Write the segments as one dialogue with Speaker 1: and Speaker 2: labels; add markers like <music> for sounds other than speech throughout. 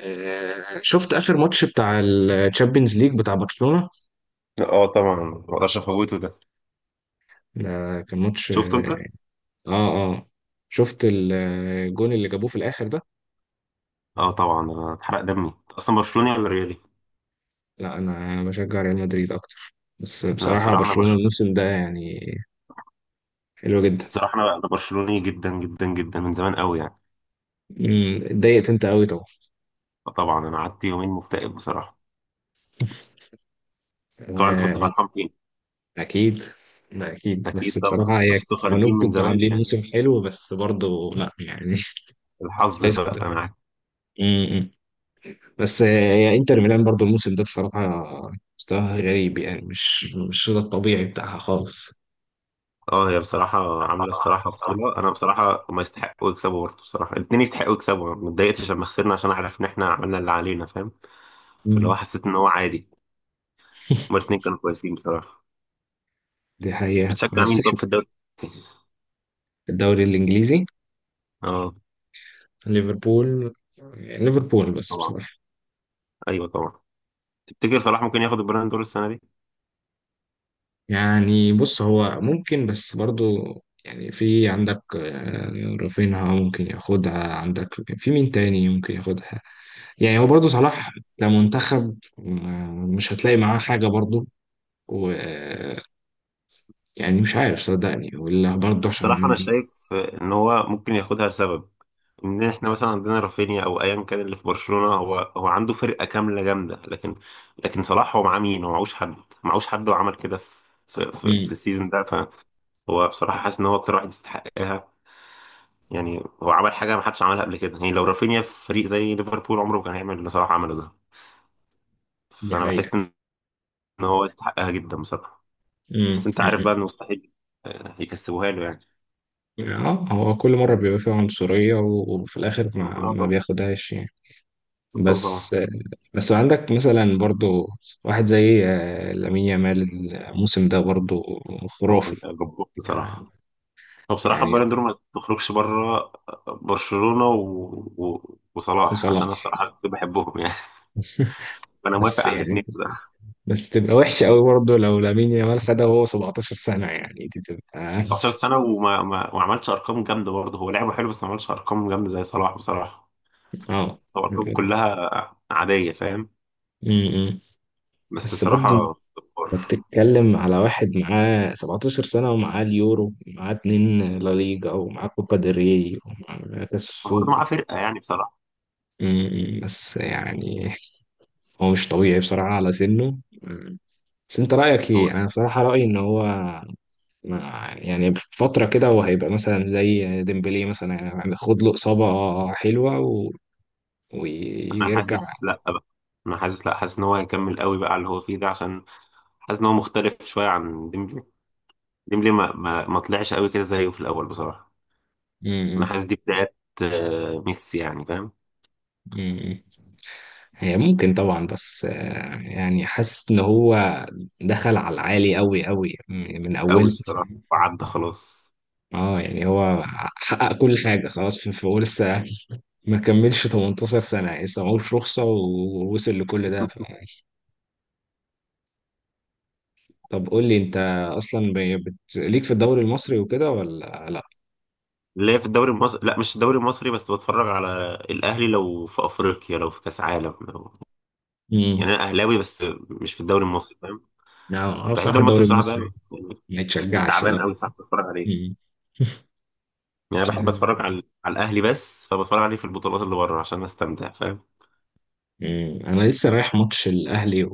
Speaker 1: شفت اخر ماتش بتاع الشامبيونز ليج بتاع برشلونة.
Speaker 2: اه، طبعا ما اقدرش افوته ده.
Speaker 1: ده كان ماتش
Speaker 2: شفته
Speaker 1: اه
Speaker 2: انت؟
Speaker 1: اه شفت الجون اللي جابوه في الاخر ده.
Speaker 2: اه طبعا، انا اتحرق دمي اصلا. برشلوني ولا ريالي؟
Speaker 1: لا انا بشجع ريال مدريد اكتر، بس
Speaker 2: لا،
Speaker 1: بصراحة
Speaker 2: بصراحه انا
Speaker 1: برشلونة
Speaker 2: برشلوني.
Speaker 1: الموسم ده يعني حلو جدا.
Speaker 2: بصراحه انا برشلوني جدا جدا جدا من زمان قوي يعني.
Speaker 1: اتضايقت انت قوي طبعا.
Speaker 2: فطبعا انا قعدت يومين مكتئب بصراحه. طبعا انت كنت
Speaker 1: آه،
Speaker 2: فرحان فين.
Speaker 1: اكيد. لا اكيد،
Speaker 2: اكيد
Speaker 1: بس
Speaker 2: طبعا،
Speaker 1: بصراحة هي
Speaker 2: بس انتوا
Speaker 1: لو
Speaker 2: خارجين
Speaker 1: انكم
Speaker 2: من
Speaker 1: كنتوا
Speaker 2: زمان
Speaker 1: عاملين
Speaker 2: يعني.
Speaker 1: موسم حلو بس برضه لا يعني <laughs>
Speaker 2: الحظ
Speaker 1: شايف
Speaker 2: بقى انا عارف.
Speaker 1: كده. بس يعني انتر ميلان برضو الموسم ده بصراحة مستواها غريب، يعني مش ده الطبيعي بتاعها خالص.
Speaker 2: اه، هي بصراحه عامله بصراحه بطوله. انا بصراحه ما يستحقوا يكسبوا برضه، بصراحه الاثنين يستحقوا يكسبوا. ما اتضايقتش لما خسرنا عشان عارف ان احنا عملنا اللي علينا، فاهم؟ فاللي هو
Speaker 1: مم.
Speaker 2: حسيت ان هو عادي. هما الاثنين كانوا كويسين بصراحه.
Speaker 1: دي حقيقة
Speaker 2: بتشجع
Speaker 1: بس
Speaker 2: مين طب
Speaker 1: احنا
Speaker 2: في الدوري؟
Speaker 1: في الدوري الإنجليزي
Speaker 2: اه،
Speaker 1: ليفربول. ليفربول بس
Speaker 2: طبعا.
Speaker 1: بصراحة
Speaker 2: ايوه طبعا. تفتكر صلاح ممكن ياخد البالون دور السنه دي؟
Speaker 1: يعني بص، هو ممكن بس برضو يعني في عندك، رافينها ممكن ياخدها عندك. في مين تاني ممكن ياخدها؟ يعني هو برضو صلاح كمنتخب، مش هتلاقي معاه حاجة برضو. يعني مش عارف صدقني ولا برضه
Speaker 2: بس الصراحه انا
Speaker 1: عشان.
Speaker 2: شايف ان هو ممكن ياخدها لسبب. ان احنا مثلا عندنا رافينيا او ايا كان اللي في برشلونه، هو عنده فرقه كامله جامده، لكن لكن صلاح هو معاه مين؟ هو معهوش حد. معهوش حد وعمل كده في في
Speaker 1: مم.
Speaker 2: السيزون ده. فهو بصراحه حاسس ان هو اكتر واحد يستحقها. يعني هو عمل حاجه ما حدش عملها قبل كده، يعني لو رافينيا في فريق زي ليفربول عمره ما كان هيعمل اللي صلاح عمله ده.
Speaker 1: دي
Speaker 2: فانا
Speaker 1: حقيقة.
Speaker 2: بحس ان هو يستحقها جدا بصراحه.
Speaker 1: مم.
Speaker 2: بس انت عارف
Speaker 1: مم.
Speaker 2: بقى انه مستحيل يكسبوها له يعني.
Speaker 1: اه، هو كل مرة بيبقى فيها عنصرية وفي الآخر ما,
Speaker 2: آه،
Speaker 1: ما بياخدهاش يعني.
Speaker 2: بطل
Speaker 1: بس
Speaker 2: صلاح.
Speaker 1: بس عندك مثلا برضه واحد زي، لامين يامال الموسم ده برضه
Speaker 2: هو
Speaker 1: خرافي
Speaker 2: جبار
Speaker 1: يعني.
Speaker 2: بصراحة. هو بصراحة
Speaker 1: يعني
Speaker 2: البالون دور ما تخرجش بره. برشلونة وصلاح، عشان
Speaker 1: وصلاح.
Speaker 2: انا بصراحة كنت بحبهم يعني. <laughs> فانا
Speaker 1: بس
Speaker 2: موافق على
Speaker 1: يعني
Speaker 2: الاثنين ده.
Speaker 1: بس تبقى وحشة قوي برضه لو لامين يامال خدها وهو 17 سنة، يعني دي تبقى
Speaker 2: 19 سنة وما ما... ما عملش ارقام جامدة برضه. هو لعبه حلو، بس ما عملش ارقام جامدة زي صلاح بصراحة.
Speaker 1: <laughs> اه.
Speaker 2: هو ارقامه كلها عادية، فاهم؟
Speaker 1: مم.
Speaker 2: بس
Speaker 1: بس برضه انت
Speaker 2: بصراحة جبار.
Speaker 1: بتتكلم على واحد معاه 17 سنة، ومعاه اليورو، ومعاه اتنين لا ليجا، ومعاه كوبا ديل ري، ومعاه كاس
Speaker 2: هو برضه
Speaker 1: السوبر.
Speaker 2: معاه فرقة يعني بصراحة.
Speaker 1: بس يعني هو مش طبيعي بصراحة على سنه. أمم. بس انت رأيك ايه؟
Speaker 2: هو
Speaker 1: انا بصراحة رأيي ان هو، يعني في فترة كده هو هيبقى مثلا زي ديمبلي مثلا، يعني خد له إصابة حلوة و
Speaker 2: انا
Speaker 1: ويرجع.
Speaker 2: حاسس لا بقى. انا حاسس لا، حاسس ان هو هيكمل قوي بقى على اللي هو فيه ده، عشان حاسس ان هو مختلف شويه عن ديمبلي. ديمبلي ما طلعش قوي كده زيه في الاول بصراحه. انا
Speaker 1: أمم،
Speaker 2: حاسس دي بدايات ميسي يعني، فاهم؟
Speaker 1: أمم. هي ممكن طبعا، بس يعني حاسس ان هو دخل على العالي قوي قوي، من
Speaker 2: قوي
Speaker 1: اول.
Speaker 2: بصراحه وعدى خلاص.
Speaker 1: اه يعني هو حقق كل حاجه خلاص، في في هو لسه ما كملش 18 سنه، يعني لسه معهوش رخصه ووصل لكل ده ف
Speaker 2: <laughs>
Speaker 1: طب قول لي انت، اصلا ليك في الدوري المصري وكده ولا لا؟
Speaker 2: اللي هي في الدوري المصري، لا، مش الدوري المصري، بس بتفرج على الاهلي لو في افريقيا، لو في كاس عالم،
Speaker 1: امم.
Speaker 2: يعني انا اهلاوي، بس مش في الدوري المصري، فاهم؟
Speaker 1: لا أنا
Speaker 2: بحس
Speaker 1: بصراحه
Speaker 2: الدوري المصري
Speaker 1: الدوري
Speaker 2: بصراحه
Speaker 1: المصري
Speaker 2: بقى يعني
Speaker 1: ما يتشجعش
Speaker 2: تعبان
Speaker 1: لا.
Speaker 2: قوي، صعب اتفرج عليه.
Speaker 1: امم.
Speaker 2: يعني انا بحب اتفرج على على الاهلي بس، فبتفرج عليه في البطولات اللي بره عشان استمتع، فاهم؟
Speaker 1: <laughs> انا لسه رايح ماتش الاهلي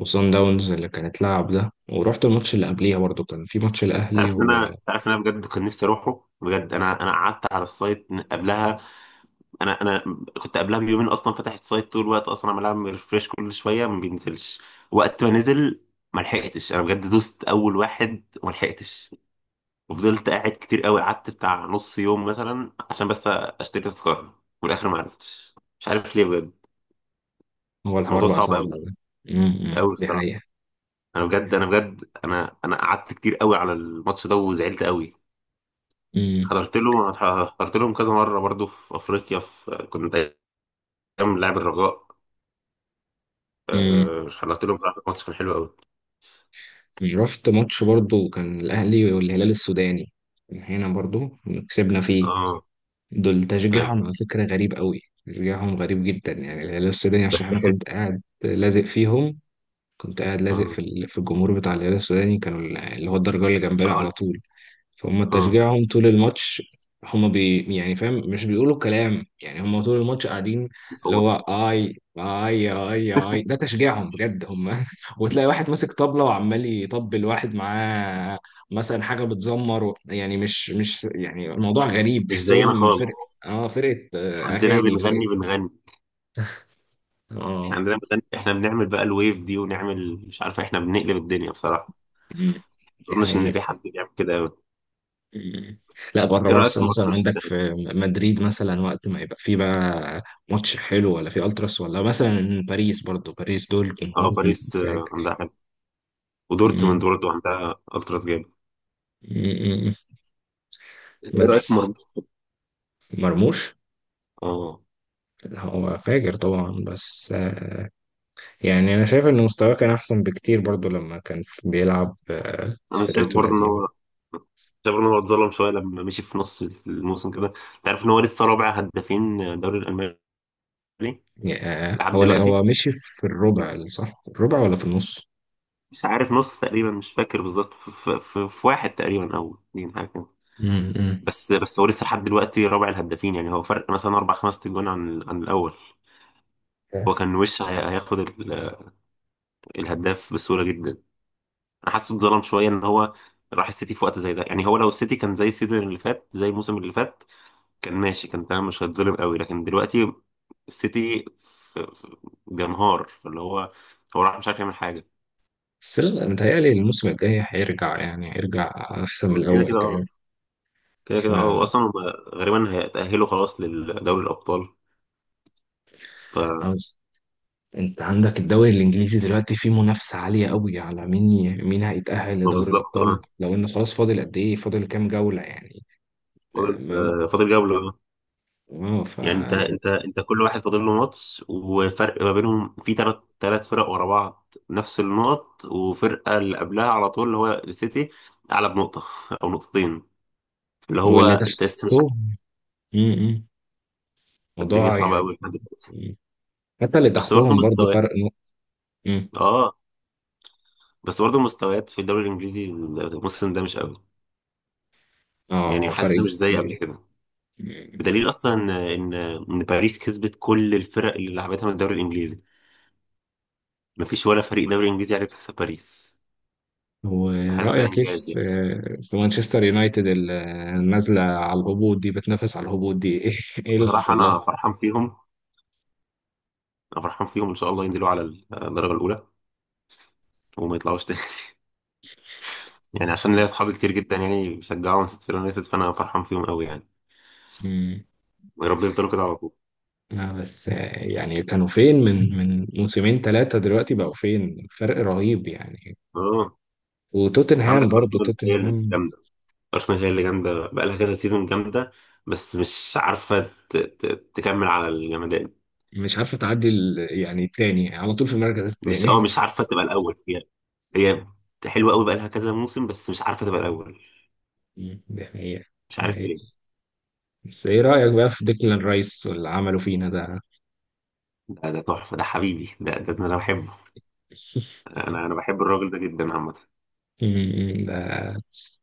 Speaker 1: وصن داونز اللي كانت لعب ده، ورحت الماتش اللي قبليها برضو كان في ماتش الأهلي
Speaker 2: تعرف ان
Speaker 1: وهو
Speaker 2: انا تعرف ان انا بجد كنت نفسي اروحه بجد. انا انا قعدت على السايت من قبلها انا كنت قبلها بيومين اصلا فاتح السايت طول الوقت، اصلا عمال ريفريش كل شويه، ما بينزلش. وقت ما نزل ما لحقتش، انا بجد دوست اول واحد وما لحقتش. وفضلت قاعد كتير قوي، قعدت بتاع نص يوم مثلا عشان بس اشتري تذكره. وفي الاخر ما عرفتش، مش عارف ليه بجد.
Speaker 1: الحوار
Speaker 2: الموضوع
Speaker 1: بقى
Speaker 2: صعب
Speaker 1: صعب
Speaker 2: قوي،
Speaker 1: أوي. امم،
Speaker 2: قوي
Speaker 1: دي
Speaker 2: بصراحه.
Speaker 1: حقيقة.
Speaker 2: انا بجد انا بجد انا انا قعدت كتير قوي على الماتش ده وزعلت قوي.
Speaker 1: امم.
Speaker 2: حضرت له، حضرت لهم كذا مرة برضو في أفريقيا، في كنت أيام لاعب الرجاء.
Speaker 1: امم.
Speaker 2: حضرت لهم بصراحة ماتش كان حلو أوي.
Speaker 1: رحت ماتش برضو كان الأهلي والهلال السوداني هنا برضو، كسبنا فيه.
Speaker 2: اه.
Speaker 1: دول
Speaker 2: أيوة.
Speaker 1: تشجيعهم على فكرة غريب قوي، تشجيعهم غريب جدا، يعني الهلال السوداني، عشان
Speaker 2: بس
Speaker 1: أنا
Speaker 2: حلو.
Speaker 1: كنت قاعد لازق فيهم. كنت قاعد لازق في
Speaker 2: اه.
Speaker 1: في الجمهور بتاع الهلال السوداني، كانوا اللي هو الدرجة اللي جنبنا
Speaker 2: أقول.
Speaker 1: على طول. فهم
Speaker 2: اه.
Speaker 1: تشجيعهم طول الماتش، هم بي يعني فاهم مش بيقولوا كلام، يعني هم طول الماتش قاعدين اللي هو
Speaker 2: بيصوتوا.
Speaker 1: اي اي اي اي،
Speaker 2: <laughs>
Speaker 1: ده تشجيعهم بجد هم <laughs> وتلاقي واحد ماسك طبلة وعمال يطبل، واحد معاه مثلا حاجة بتزمر و يعني مش يعني الموضوع غريب،
Speaker 2: مش زينا
Speaker 1: تحسهم
Speaker 2: خالص.
Speaker 1: فرقة. اه فرقة،
Speaker 2: عندنا
Speaker 1: اغاني
Speaker 2: بنغني
Speaker 1: فرقة.
Speaker 2: بنغني. احنا
Speaker 1: اه.
Speaker 2: عندنا بنغني، احنا بنعمل بقى الويف دي، ونعمل مش عارف، احنا بنقلب الدنيا بصراحة.
Speaker 1: مم.
Speaker 2: ما
Speaker 1: دي
Speaker 2: أظنش إن
Speaker 1: حقيقة.
Speaker 2: في حد بيعمل كده أوي.
Speaker 1: مم. لا بره
Speaker 2: إيه رأيك في
Speaker 1: مارسل مثلا،
Speaker 2: مرموش
Speaker 1: عندك
Speaker 2: السنة دي؟
Speaker 1: في مدريد مثلا وقت ما يبقى في بقى ماتش حلو ولا في التراس، ولا مثلا باريس، برضو باريس دول
Speaker 2: اه،
Speaker 1: جمهورهم
Speaker 2: باريس
Speaker 1: فاجر.
Speaker 2: عندها حلو.
Speaker 1: مم.
Speaker 2: ودورتموند برضه عندها ألتراس جامد.
Speaker 1: مم.
Speaker 2: إيه رأيك في
Speaker 1: بس
Speaker 2: مرموش؟
Speaker 1: مرموش
Speaker 2: اه.
Speaker 1: هو فاجر طبعا، بس يعني انا شايف ان مستواه كان احسن بكتير برضو لما كان بيلعب، في
Speaker 2: انا شايف
Speaker 1: فرقته
Speaker 2: برضه ان
Speaker 1: القديمه.
Speaker 2: هو، شايف ان هو اتظلم شويه لما مشي في نص الموسم كده. انت عارف ان هو لسه رابع هدافين الدوري الالماني
Speaker 1: يعني،
Speaker 2: لحد
Speaker 1: هو لا
Speaker 2: دلوقتي.
Speaker 1: هو مشي في الربع، صح الربع ولا في النص؟
Speaker 2: مش عارف، نص تقريبا، مش فاكر بالظبط، في واحد تقريبا او اتنين، حاجه كده.
Speaker 1: مم.
Speaker 2: بس هو لسه لحد دلوقتي رابع الهدافين، يعني هو فرق مثلا اربع خمس تجوان عن عن الاول. هو كان وش هياخد الهداف بسهوله جدا. انا حاسه اتظلم شويه ان هو راح السيتي في وقت زي ده. يعني هو لو السيتي كان زي السيزون اللي فات، زي الموسم اللي فات، كان ماشي، كان تمام، مش هتظلم قوي. لكن دلوقتي السيتي بينهار، فاللي هو هو راح مش عارف يعمل حاجة.
Speaker 1: بس لا متهيألي الموسم الجاي هيرجع، يعني هيرجع أحسن من
Speaker 2: هو كده
Speaker 1: الأول
Speaker 2: كده
Speaker 1: كمان.
Speaker 2: اه، كده
Speaker 1: ف
Speaker 2: كده اه. واصلا هم غالبا هيتأهلوا خلاص لدوري الأبطال. ف،
Speaker 1: عاوز- أنت عندك الدوري الإنجليزي دلوقتي فيه منافسة عالية قوي على مين مين هيتأهل
Speaker 2: ما
Speaker 1: لدوري
Speaker 2: بالظبط
Speaker 1: الأبطال،
Speaker 2: اه.
Speaker 1: لو إن خلاص فاضل قد إيه، فاضل كام جولة يعني؟ ده
Speaker 2: فاضل،
Speaker 1: ما...
Speaker 2: فاضل جولة اه.
Speaker 1: آه ف.
Speaker 2: يعني انت كل واحد فاضل له ماتش، وفرق ما بينهم في ثلاث فرق ورا بعض نفس النقط، وفرقة اللي قبلها على طول اللي هو السيتي أعلى بنقطة <laughs> أو نقطتين. اللي هو
Speaker 1: واللي
Speaker 2: انت لسه مش عارف.
Speaker 1: تحتهم، م- م.
Speaker 2: الدنيا
Speaker 1: موضوع
Speaker 2: صعبة
Speaker 1: يعني.
Speaker 2: قوي لحد دلوقتي.
Speaker 1: حتى اللي
Speaker 2: بس برضه
Speaker 1: تحتهم برضه
Speaker 2: مستويات.
Speaker 1: فرق نقطة. م.
Speaker 2: اه، بس برضه مستويات في الدوري الانجليزي الموسم ده مش قوي، يعني
Speaker 1: آه فرق
Speaker 2: حاسسها مش زي قبل
Speaker 1: كبير.
Speaker 2: كده.
Speaker 1: م.
Speaker 2: بدليل اصلا ان ان إن باريس كسبت كل الفرق اللي لعبتها من الدوري الانجليزي. مفيش ولا فريق دوري انجليزي عرف يكسب باريس. فحاسس ده
Speaker 1: ورأيك ايه
Speaker 2: انجاز
Speaker 1: في
Speaker 2: يعني.
Speaker 1: في مانشستر يونايتد النازلة على الهبوط دي، بتنافس على الهبوط دي <laughs> ايه ايه اللي
Speaker 2: بصراحه
Speaker 1: حصل لها؟
Speaker 2: انا فرحان فيهم، انا فرحان فيهم. ان شاء الله ينزلوا على الدرجه الاولى وما يطلعوش تاني. <laughs> يعني عشان ليا اصحابي كتير جدا يعني بيشجعوا مانشستر يونايتد، فانا فرحان فيهم قوي يعني.
Speaker 1: مم.
Speaker 2: ويا رب يفضلوا كده على طول.
Speaker 1: لا بس يعني كانوا فين من موسمين ثلاثة، دلوقتي بقوا فين؟ فرق رهيب يعني.
Speaker 2: اه، عندك
Speaker 1: وتوتنهام، برضو
Speaker 2: ارسنال هي
Speaker 1: توتنهام
Speaker 2: الجامده. ارسنال هي اللي جامده، بقى لها كذا سيزون جامده، بس مش عارفه تكمل على الجمدان.
Speaker 1: مش عارفة تعدي يعني التاني على طول في المركز
Speaker 2: مش، اه،
Speaker 1: التاني.
Speaker 2: مش عارفه تبقى الاول. هي هي حلوه قوي، بقى لها كذا موسم، بس مش عارفه تبقى الاول.
Speaker 1: مم. <laughs> دي حقيقة.
Speaker 2: مش
Speaker 1: دي
Speaker 2: عارف
Speaker 1: حقيقة.
Speaker 2: ليه.
Speaker 1: بس ايه رأيك بقى في ديكلان رايس واللي عمله فينا ده؟
Speaker 2: ده ده تحفه، ده حبيبي، ده انا بحبه. انا
Speaker 1: <laughs>
Speaker 2: انا بحب الراجل ده جدا عامه.
Speaker 1: ده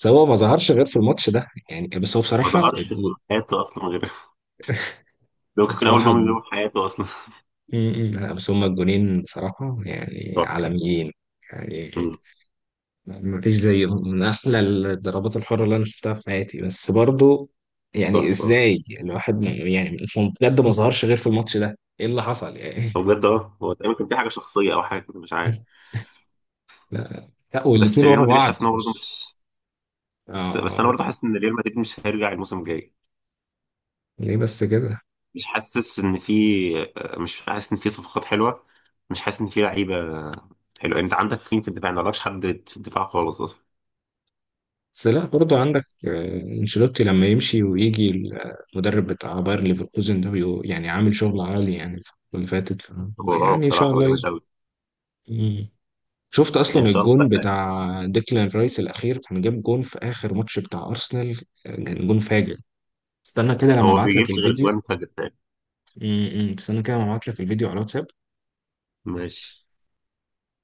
Speaker 1: بس هو ما ظهرش غير في الماتش ده يعني، بس هو
Speaker 2: ما
Speaker 1: بصراحة.
Speaker 2: ظهرش في حياته اصلا غير. <laughs> ده ممكن يكون اول
Speaker 1: بصراحة
Speaker 2: جمله له في حياته اصلا.
Speaker 1: أمم. لا، بس هما الجونين بصراحة
Speaker 2: <laughs>
Speaker 1: يعني
Speaker 2: تحفه.
Speaker 1: عالميين. يعني
Speaker 2: أمم،
Speaker 1: ما فيش زيهم، من أحلى الضربات الحرة اللي أنا شفتها في حياتي. بس برضو يعني
Speaker 2: تحفه.
Speaker 1: إزاي الواحد يعني هو بجد ما ظهرش غير في الماتش ده، إيه اللي حصل يعني؟
Speaker 2: هو بجد اه، هو تقريبا كان في حاجه شخصيه او حاجه كده مش عارف.
Speaker 1: <laughs> لا لا،
Speaker 2: بس
Speaker 1: والاتنين
Speaker 2: ريال
Speaker 1: ورا
Speaker 2: مدريد
Speaker 1: بعض
Speaker 2: حاسس ان هو برضه
Speaker 1: مش
Speaker 2: مش. بس
Speaker 1: آه.
Speaker 2: انا برضه حاسس ان ريال مدريد مش هيرجع الموسم الجاي.
Speaker 1: ليه بس كده؟
Speaker 2: مش حاسس ان في، مش حاسس ان في صفقات حلوه، مش حاسس ان في لعيبه حلوه. يعني انت عندك مين في الدفاع؟ ما عندكش حد في الدفاع خالص اصلا.
Speaker 1: بس لا برضه عندك، انشيلوتي لما يمشي ويجي المدرب بتاع باير ليفركوزن ده يعني عامل شغل عالي يعني الفترة اللي فاتت ف
Speaker 2: هو اه،
Speaker 1: يعني ان شاء
Speaker 2: بصراحه هو
Speaker 1: الله
Speaker 2: جامد
Speaker 1: يظبط.
Speaker 2: قوي.
Speaker 1: مم. شفت اصلا
Speaker 2: ان شاء
Speaker 1: الجون
Speaker 2: الله. لا،
Speaker 1: بتاع ديكلان رايس الاخير كان جاب جون في اخر ماتش بتاع ارسنال، كان جون فاجر. استنى كده لما
Speaker 2: هو
Speaker 1: ابعت لك
Speaker 2: بيجيبش غير
Speaker 1: الفيديو.
Speaker 2: جوان فجر تاني.
Speaker 1: مم، مم. استنى كده لما ابعت لك الفيديو على الواتساب.
Speaker 2: ماشي.